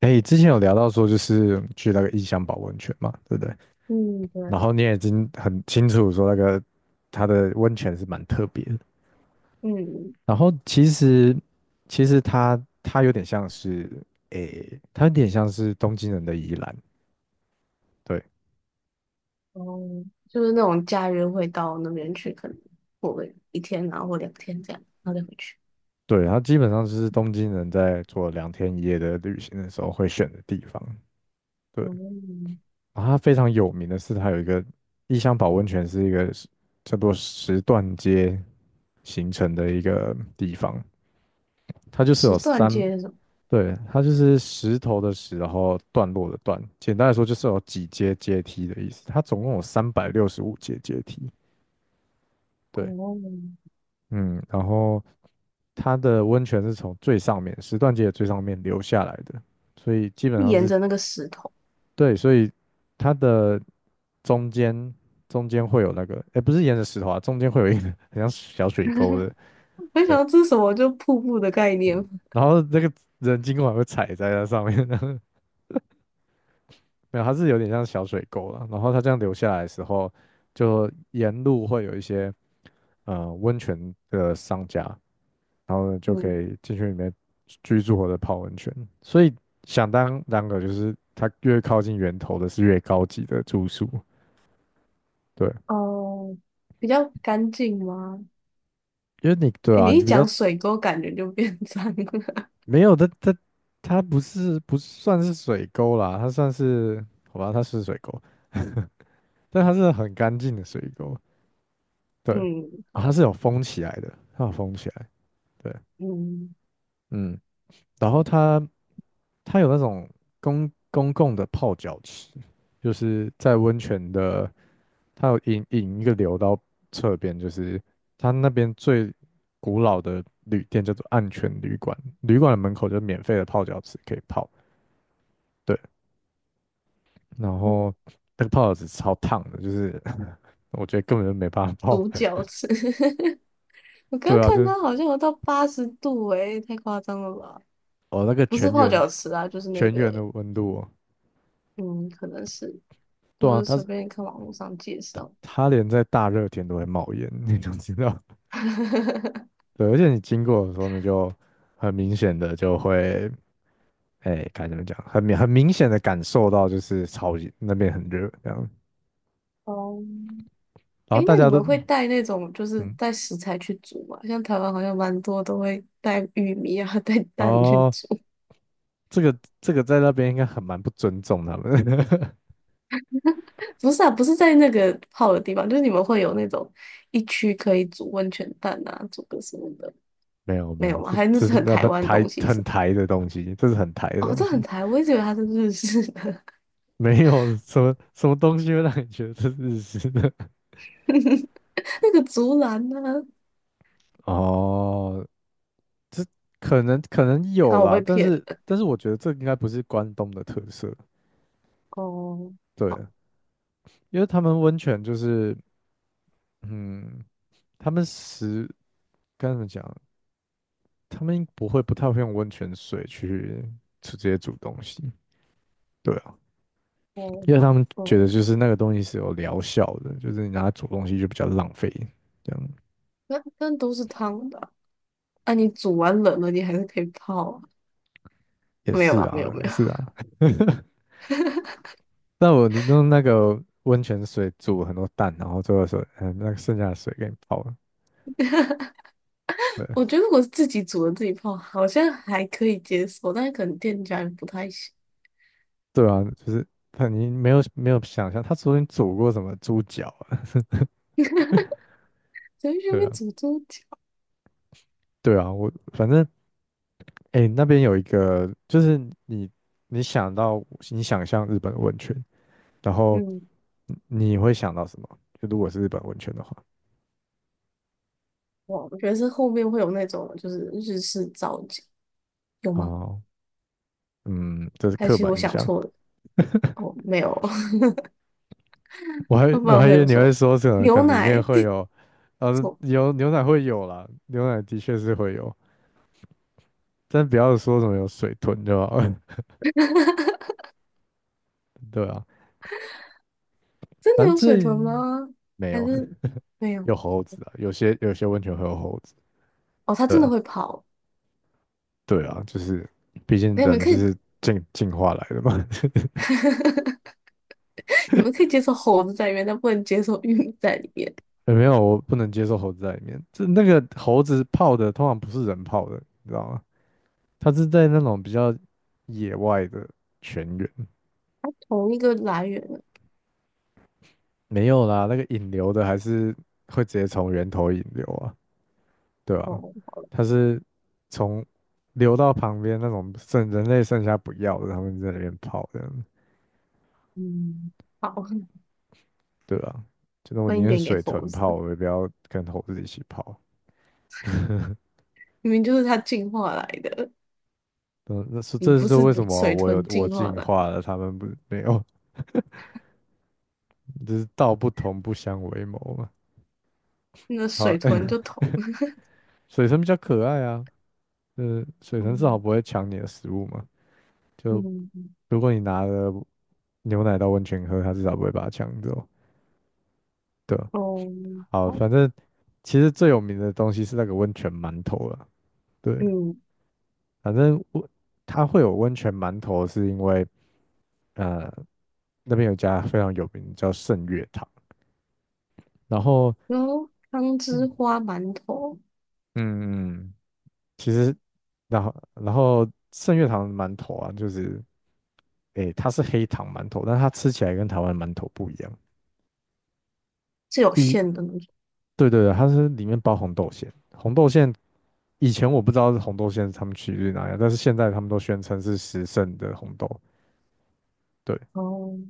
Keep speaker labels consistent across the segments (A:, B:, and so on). A: 哎，之前有聊到说，就是去那个异香保温泉嘛，对不对？
B: 嗯，对。
A: 然后你也已经很清楚说，那个它的温泉是蛮特别的。
B: 嗯。
A: 然后其实，其实它有点像是，诶，它有点像是东京人的宜兰。对，
B: 哦，就是那种假日会到那边去，可能过个一天，然后或两天这样，然后再回去。
A: 对，它基本上就是东京人在做2天1夜的旅行的时候会选的地方。对，
B: 哦，
A: 然后它非常有名的是，它有一个异香保温泉，是一个叫做石段街形成的一个地方。它就是有
B: 石段
A: 三，
B: 街是什么？
A: 对，它就是石头的石，然后段落的段。简单来说，就是有几阶阶梯的意思。它总共有365阶阶梯。对，
B: 哦，
A: 嗯，然后它的温泉是从最上面石段街的最上面流下来的，所以基本上
B: 沿
A: 是，
B: 着那个石头。
A: 对，所以它的中间，会有那个，哎，不是沿着石头啊，中间会有一个很像小水沟的。
B: 没想
A: 对，
B: 到这是什么，就瀑布的概念。
A: 然后那个人经过还会踩在那上面，没有，它是有点像小水沟了。然后它这样流下来的时候，就沿路会有一些温泉的商家，然后呢就可
B: 嗯。
A: 以进去里面居住或者泡温泉。所以想当然个就是它越靠近源头的是越高级的住宿，对，
B: 哦，比较干净吗？
A: 因为你对
B: 诶
A: 啊，
B: 你
A: 你
B: 一
A: 比较
B: 讲水沟，感觉就变脏了。
A: 没有，它不是，不算是水沟啦，它算是，好吧，它是水沟，但它是很干净的水沟，对，
B: 嗯，
A: 它
B: 好。
A: 是有封起来的，它有封起来。对，
B: 嗯。
A: 嗯，然后它，它有那种公共的泡脚池，就是在温泉的，它有引一个流到侧边，就是它那边最古老的旅店叫做暗泉旅馆，旅馆的门口就是免费的泡脚池可以泡。对，然
B: 嗯
A: 后那个泡脚池超烫的，就是 我觉得根本就没办法泡。
B: 独角池，我 刚
A: 对啊，就
B: 看
A: 是
B: 它好像有到80度，诶，太夸张了吧？
A: 哦那个
B: 不是
A: 全
B: 泡
A: 员，
B: 脚池啊，就是那个，
A: 的温度哦，
B: 嗯，可能是，我
A: 对啊，
B: 是
A: 它
B: 随
A: 是，
B: 便看网络上介绍。
A: 它连在大热天都会冒烟，那种知道。对，而且你经过的时候呢，就很明显的就会，哎，该怎么讲，很明显的感受到就是超级那边很热这样，
B: 哦。
A: 然后
B: 诶，
A: 大
B: 那你
A: 家都，
B: 们会带那种就是
A: 嗯，
B: 带食材去煮吗？像台湾好像蛮多都会带玉米啊，带蛋去
A: 哦，
B: 煮。
A: 这个这个在那边应该很蛮不尊重他们的
B: 不是啊，不是在那个泡的地方，就是你们会有那种一区可以煮温泉蛋啊，煮个什么的。
A: 没有没
B: 没
A: 有，
B: 有吗？
A: 这
B: 还是那
A: 这
B: 是
A: 是
B: 很
A: 那
B: 台
A: 不
B: 湾的
A: 台
B: 东西
A: 很
B: 是？
A: 台的东西，这是很台的
B: 哦，
A: 东
B: 这很
A: 西。
B: 台，我一直以为它是日式的。
A: 没有什么什么东西会让你觉得这是日式的，
B: 那个竹篮呢、啊？
A: 哦，这可能有
B: 看我
A: 啦，
B: 被
A: 但
B: 骗
A: 是
B: 了。
A: 但是我觉得这应该不是关东的特色。
B: 哦。
A: 对。因为他们温泉就是，嗯，他们食该怎么讲？他们不太会用温泉水去直接煮东西，对啊，
B: 哦，
A: 因为
B: 好。
A: 他们觉得
B: 哦，
A: 就是那个东西是有疗效的，就是你拿来煮东西就比较浪费，这样
B: 那那都是汤的啊。啊你煮完冷了，你还是可以泡啊。
A: 也
B: 没有
A: 是
B: 啊，没有
A: 啊，
B: 没
A: 也
B: 有。
A: 是啊。那我就用那个温泉水煮很多蛋，然后最后说，嗯，那个剩下的水给你泡了，
B: 我
A: 对，
B: 觉得我自己煮了自己泡，好像还可以接受，但是可能店家人不太行。
A: 对啊，就是你没有想象，他昨天煮过什么猪脚啊？
B: 在那
A: 对
B: 边
A: 啊，
B: 煮多久？
A: 对啊，我反正。哎，那边有一个，就是你你想到你想象日本温泉，然后
B: 嗯。
A: 你会想到什么？就如果是日本温泉的话，
B: 哇，我觉得是后面会有那种就是日式造景。有吗？
A: 哦，嗯，这是
B: 还
A: 刻
B: 是
A: 板
B: 我
A: 印
B: 想
A: 象。
B: 错了？哦，没有。
A: 我还
B: 那不
A: 我
B: 然
A: 还以
B: 会
A: 为
B: 有
A: 你
B: 什
A: 会
B: 么
A: 说什么，可
B: 牛
A: 能里面
B: 奶？
A: 会有，
B: 错。
A: 有牛奶会有啦，牛奶的确是会有，但不要说什么有水豚对吧？了。对啊，
B: 真
A: 反
B: 的
A: 正
B: 有水豚吗？
A: 没
B: 还
A: 有，
B: 是没有？
A: 有猴子啊，有些温泉会有猴子。
B: 哦，它
A: 对
B: 真的
A: 啊，
B: 会跑。
A: 对啊，就是毕竟
B: 那你们
A: 人
B: 可以。
A: 是进化来的嘛。
B: 你们可以接受猴子在里面，但不能接受玉米在里面。
A: 欸没有，我不能接受猴子在里面。这那个猴子泡的通常不是人泡的，你知道吗？它是在那种比较野外的泉源，
B: 它同一个来源的。
A: 没有啦，那个引流的还是会直接从源头引流啊，对吧，
B: 哦，好了。
A: 它是从流到旁边那种剩人类剩下不要的，他们在那边泡这样，
B: 嗯，好。
A: 对啊？就是我宁
B: 分一
A: 愿
B: 点给
A: 水
B: 猴
A: 豚泡，
B: 子，
A: 我也不要跟猴子一起泡。
B: 明明就是它进化来的。
A: 嗯，那是
B: 你
A: 这
B: 不
A: 是
B: 是
A: 为什么
B: 水
A: 我有
B: 豚
A: 我
B: 进化
A: 进
B: 来的。
A: 化了，他们不没有。就是道不同不相为谋嘛。
B: 那
A: 好，
B: 水豚 就同，
A: 水神比较可爱啊，呃，水神至少
B: 嗯。
A: 不会抢你的食物嘛。就
B: 嗯。
A: 如果你拿了牛奶到温泉喝，它至少不会把它抢走。对啊，
B: 哦，
A: 好，
B: 好。
A: 反正其实最有名的东西是那个温泉馒头了。对，
B: 嗯。
A: 反正它会有温泉馒头，是因为呃那边有一家非常有名叫圣月堂，然后
B: 然后汤汁
A: 嗯
B: 花馒头
A: 嗯，嗯其实然后圣月堂的馒头啊，就是。诶，它是黑糖馒头，但它吃起来跟台湾馒头不一样。
B: 是有
A: 第一，
B: 馅的那种。
A: 对对对，它是里面包红豆馅，红豆馅以前我不知道是红豆馅是他们取自于哪样，但是现在他们都宣称是时盛的红豆，对，
B: 哦。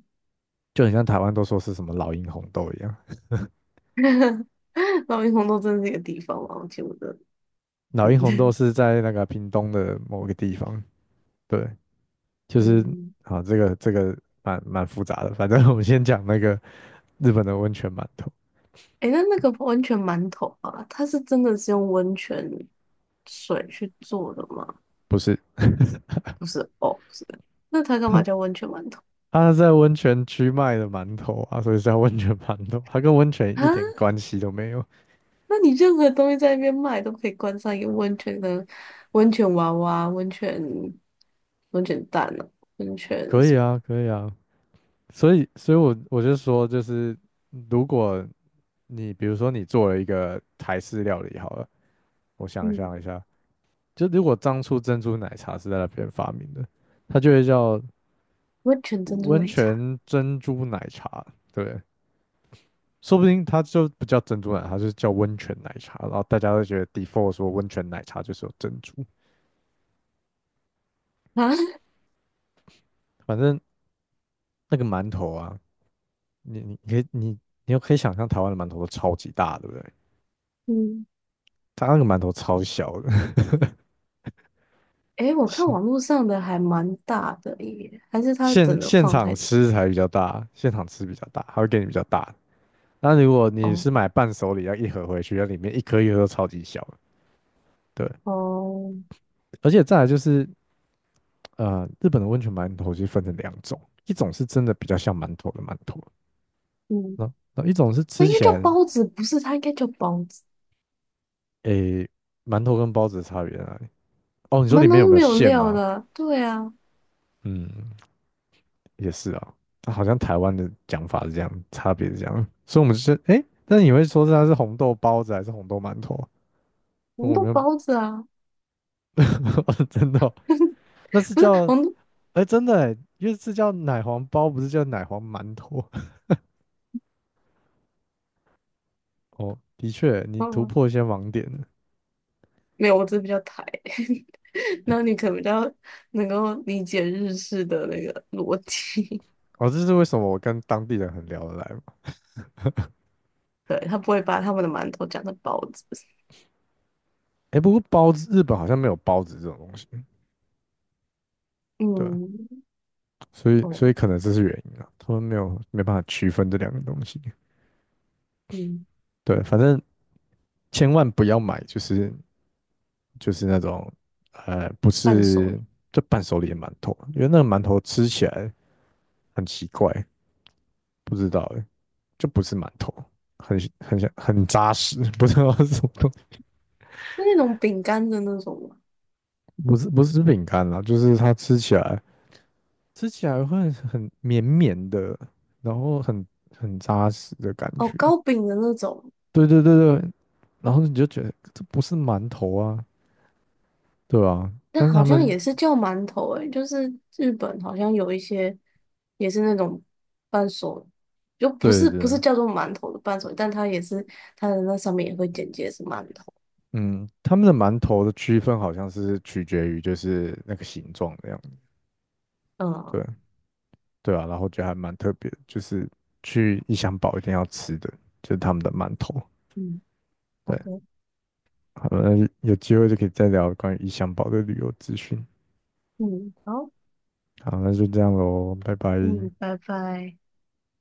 A: 就很像台湾都说是什么老鹰红豆一样。
B: 老鹰红豆真的是一个地方吗？我记不得。
A: 老
B: 嗯。
A: 鹰红豆是在那个屏东的某个地方，对，就是
B: 嗯。
A: 好，这个蛮复杂的，反正我们先讲那个日本的温泉馒头，
B: 诶，那那个温泉馒头啊，它是真的是用温泉水去做的吗？
A: 不是。
B: 不是，哦，不是，那它干嘛叫温泉馒头
A: 他是在温泉区卖的馒头啊，所以是叫温泉馒头，它跟温泉一点
B: 啊？
A: 关系都没有。
B: 那你任何东西在那边卖都可以冠上一个温泉的温泉娃娃、温泉温泉蛋呢？温泉
A: 可以
B: 什
A: 啊，可以啊，所以我就说，就是如果你比如说你做了一个台式料理好了，我
B: 么？
A: 想象
B: 嗯，
A: 一下，就如果当初珍珠奶茶是在那边发明的，它就会叫
B: 温泉珍珠
A: 温
B: 奶茶
A: 泉珍珠奶茶，对，说不定它就不叫珍珠奶茶，它就是叫温泉奶茶，然后大家都觉得 default 说温泉奶茶就是有珍珠。
B: 啊？
A: 反正那个馒头啊，你你可以你你又可以想象台湾的馒头都超级大，对不对？
B: 嗯。
A: 它那个馒头超小的，
B: 诶，我看
A: 现
B: 网络上的还蛮大的耶，还是它整个
A: 现
B: 放
A: 场
B: 太大？
A: 吃才比较大，现场吃比较大，它会给你比较大的。那如果你
B: 哦。
A: 是买伴手礼，要一盒回去，要里面一颗一颗都超级小的，对。
B: 哦。
A: 而且再来就是，呃，日本的温泉馒头就分成两种，一种是真的比较像馒头的馒头，
B: 嗯，
A: 那一种是
B: 那
A: 吃
B: 应该
A: 起
B: 叫
A: 来，
B: 包子，不是？它应该叫包子。
A: 诶，馒头跟包子的差别在哪里？哦，你说里
B: 馒
A: 面
B: 头
A: 有
B: 是
A: 没有
B: 没有
A: 馅
B: 料
A: 吗？
B: 的，对啊。
A: 嗯。也是啊，好像台湾的讲法是这样，差别是这样，所以我们就是哎，诶那你会说是它是红豆包子还是红豆馒头啊？
B: 红
A: 我
B: 豆
A: 没有，
B: 包子啊。
A: 真的哦那 是
B: 不是
A: 叫
B: 红豆，
A: 哎真的哎，因为是叫奶黄包，不是叫奶黄馒头。 哦。的确，你
B: 包
A: 突
B: 哦。
A: 破一些盲点了
B: 没有，我只是比较台。那你可能比较能够理解日式的那个逻辑。
A: 哦，这是为什么我跟当地人很聊得来嘛？
B: 对，他不会把他们的馒头讲成包子。
A: 哎，不过包子，日本好像没有包子这种东西，对啊，
B: 嗯。
A: 所以所
B: 哦。
A: 以可能这是原因啊，他们没有没办法区分这两个东西。
B: 嗯，
A: 对，反正千万不要买，就是。就是那种不
B: 半熟。
A: 是就伴手礼的馒头，因为那个馒头吃起来很奇怪，不知道欸就不是馒头，很像很扎实，不知道是什么东西，
B: 是那种饼干的那种吗？
A: 不是，不是饼干啦，就是它吃起来会很绵绵的，然后很扎实的感
B: 哦，
A: 觉，
B: 糕饼的那种。
A: 对对对，对，然后你就觉得这不是馒头啊，对啊，
B: 那
A: 但是他
B: 好像
A: 们
B: 也是叫馒头诶、就是日本好像有一些也是那种伴手，就不
A: 对
B: 是不是
A: 对，
B: 叫做馒头的伴手，但它也是它的那上面也会简介是馒头。
A: 嗯，他们的馒头的区分好像是取决于就是那个形状的样子，
B: 嗯。
A: 对，对啊，然后觉得还蛮特别的，就是去异乡堡一定要吃的，就是他们的馒头。
B: 嗯，好
A: 对，
B: 的。
A: 好，了，有机会就可以再聊关于异乡堡的旅游资讯。
B: 嗯好。
A: 好，那就这样喽，拜拜。
B: 嗯，拜拜。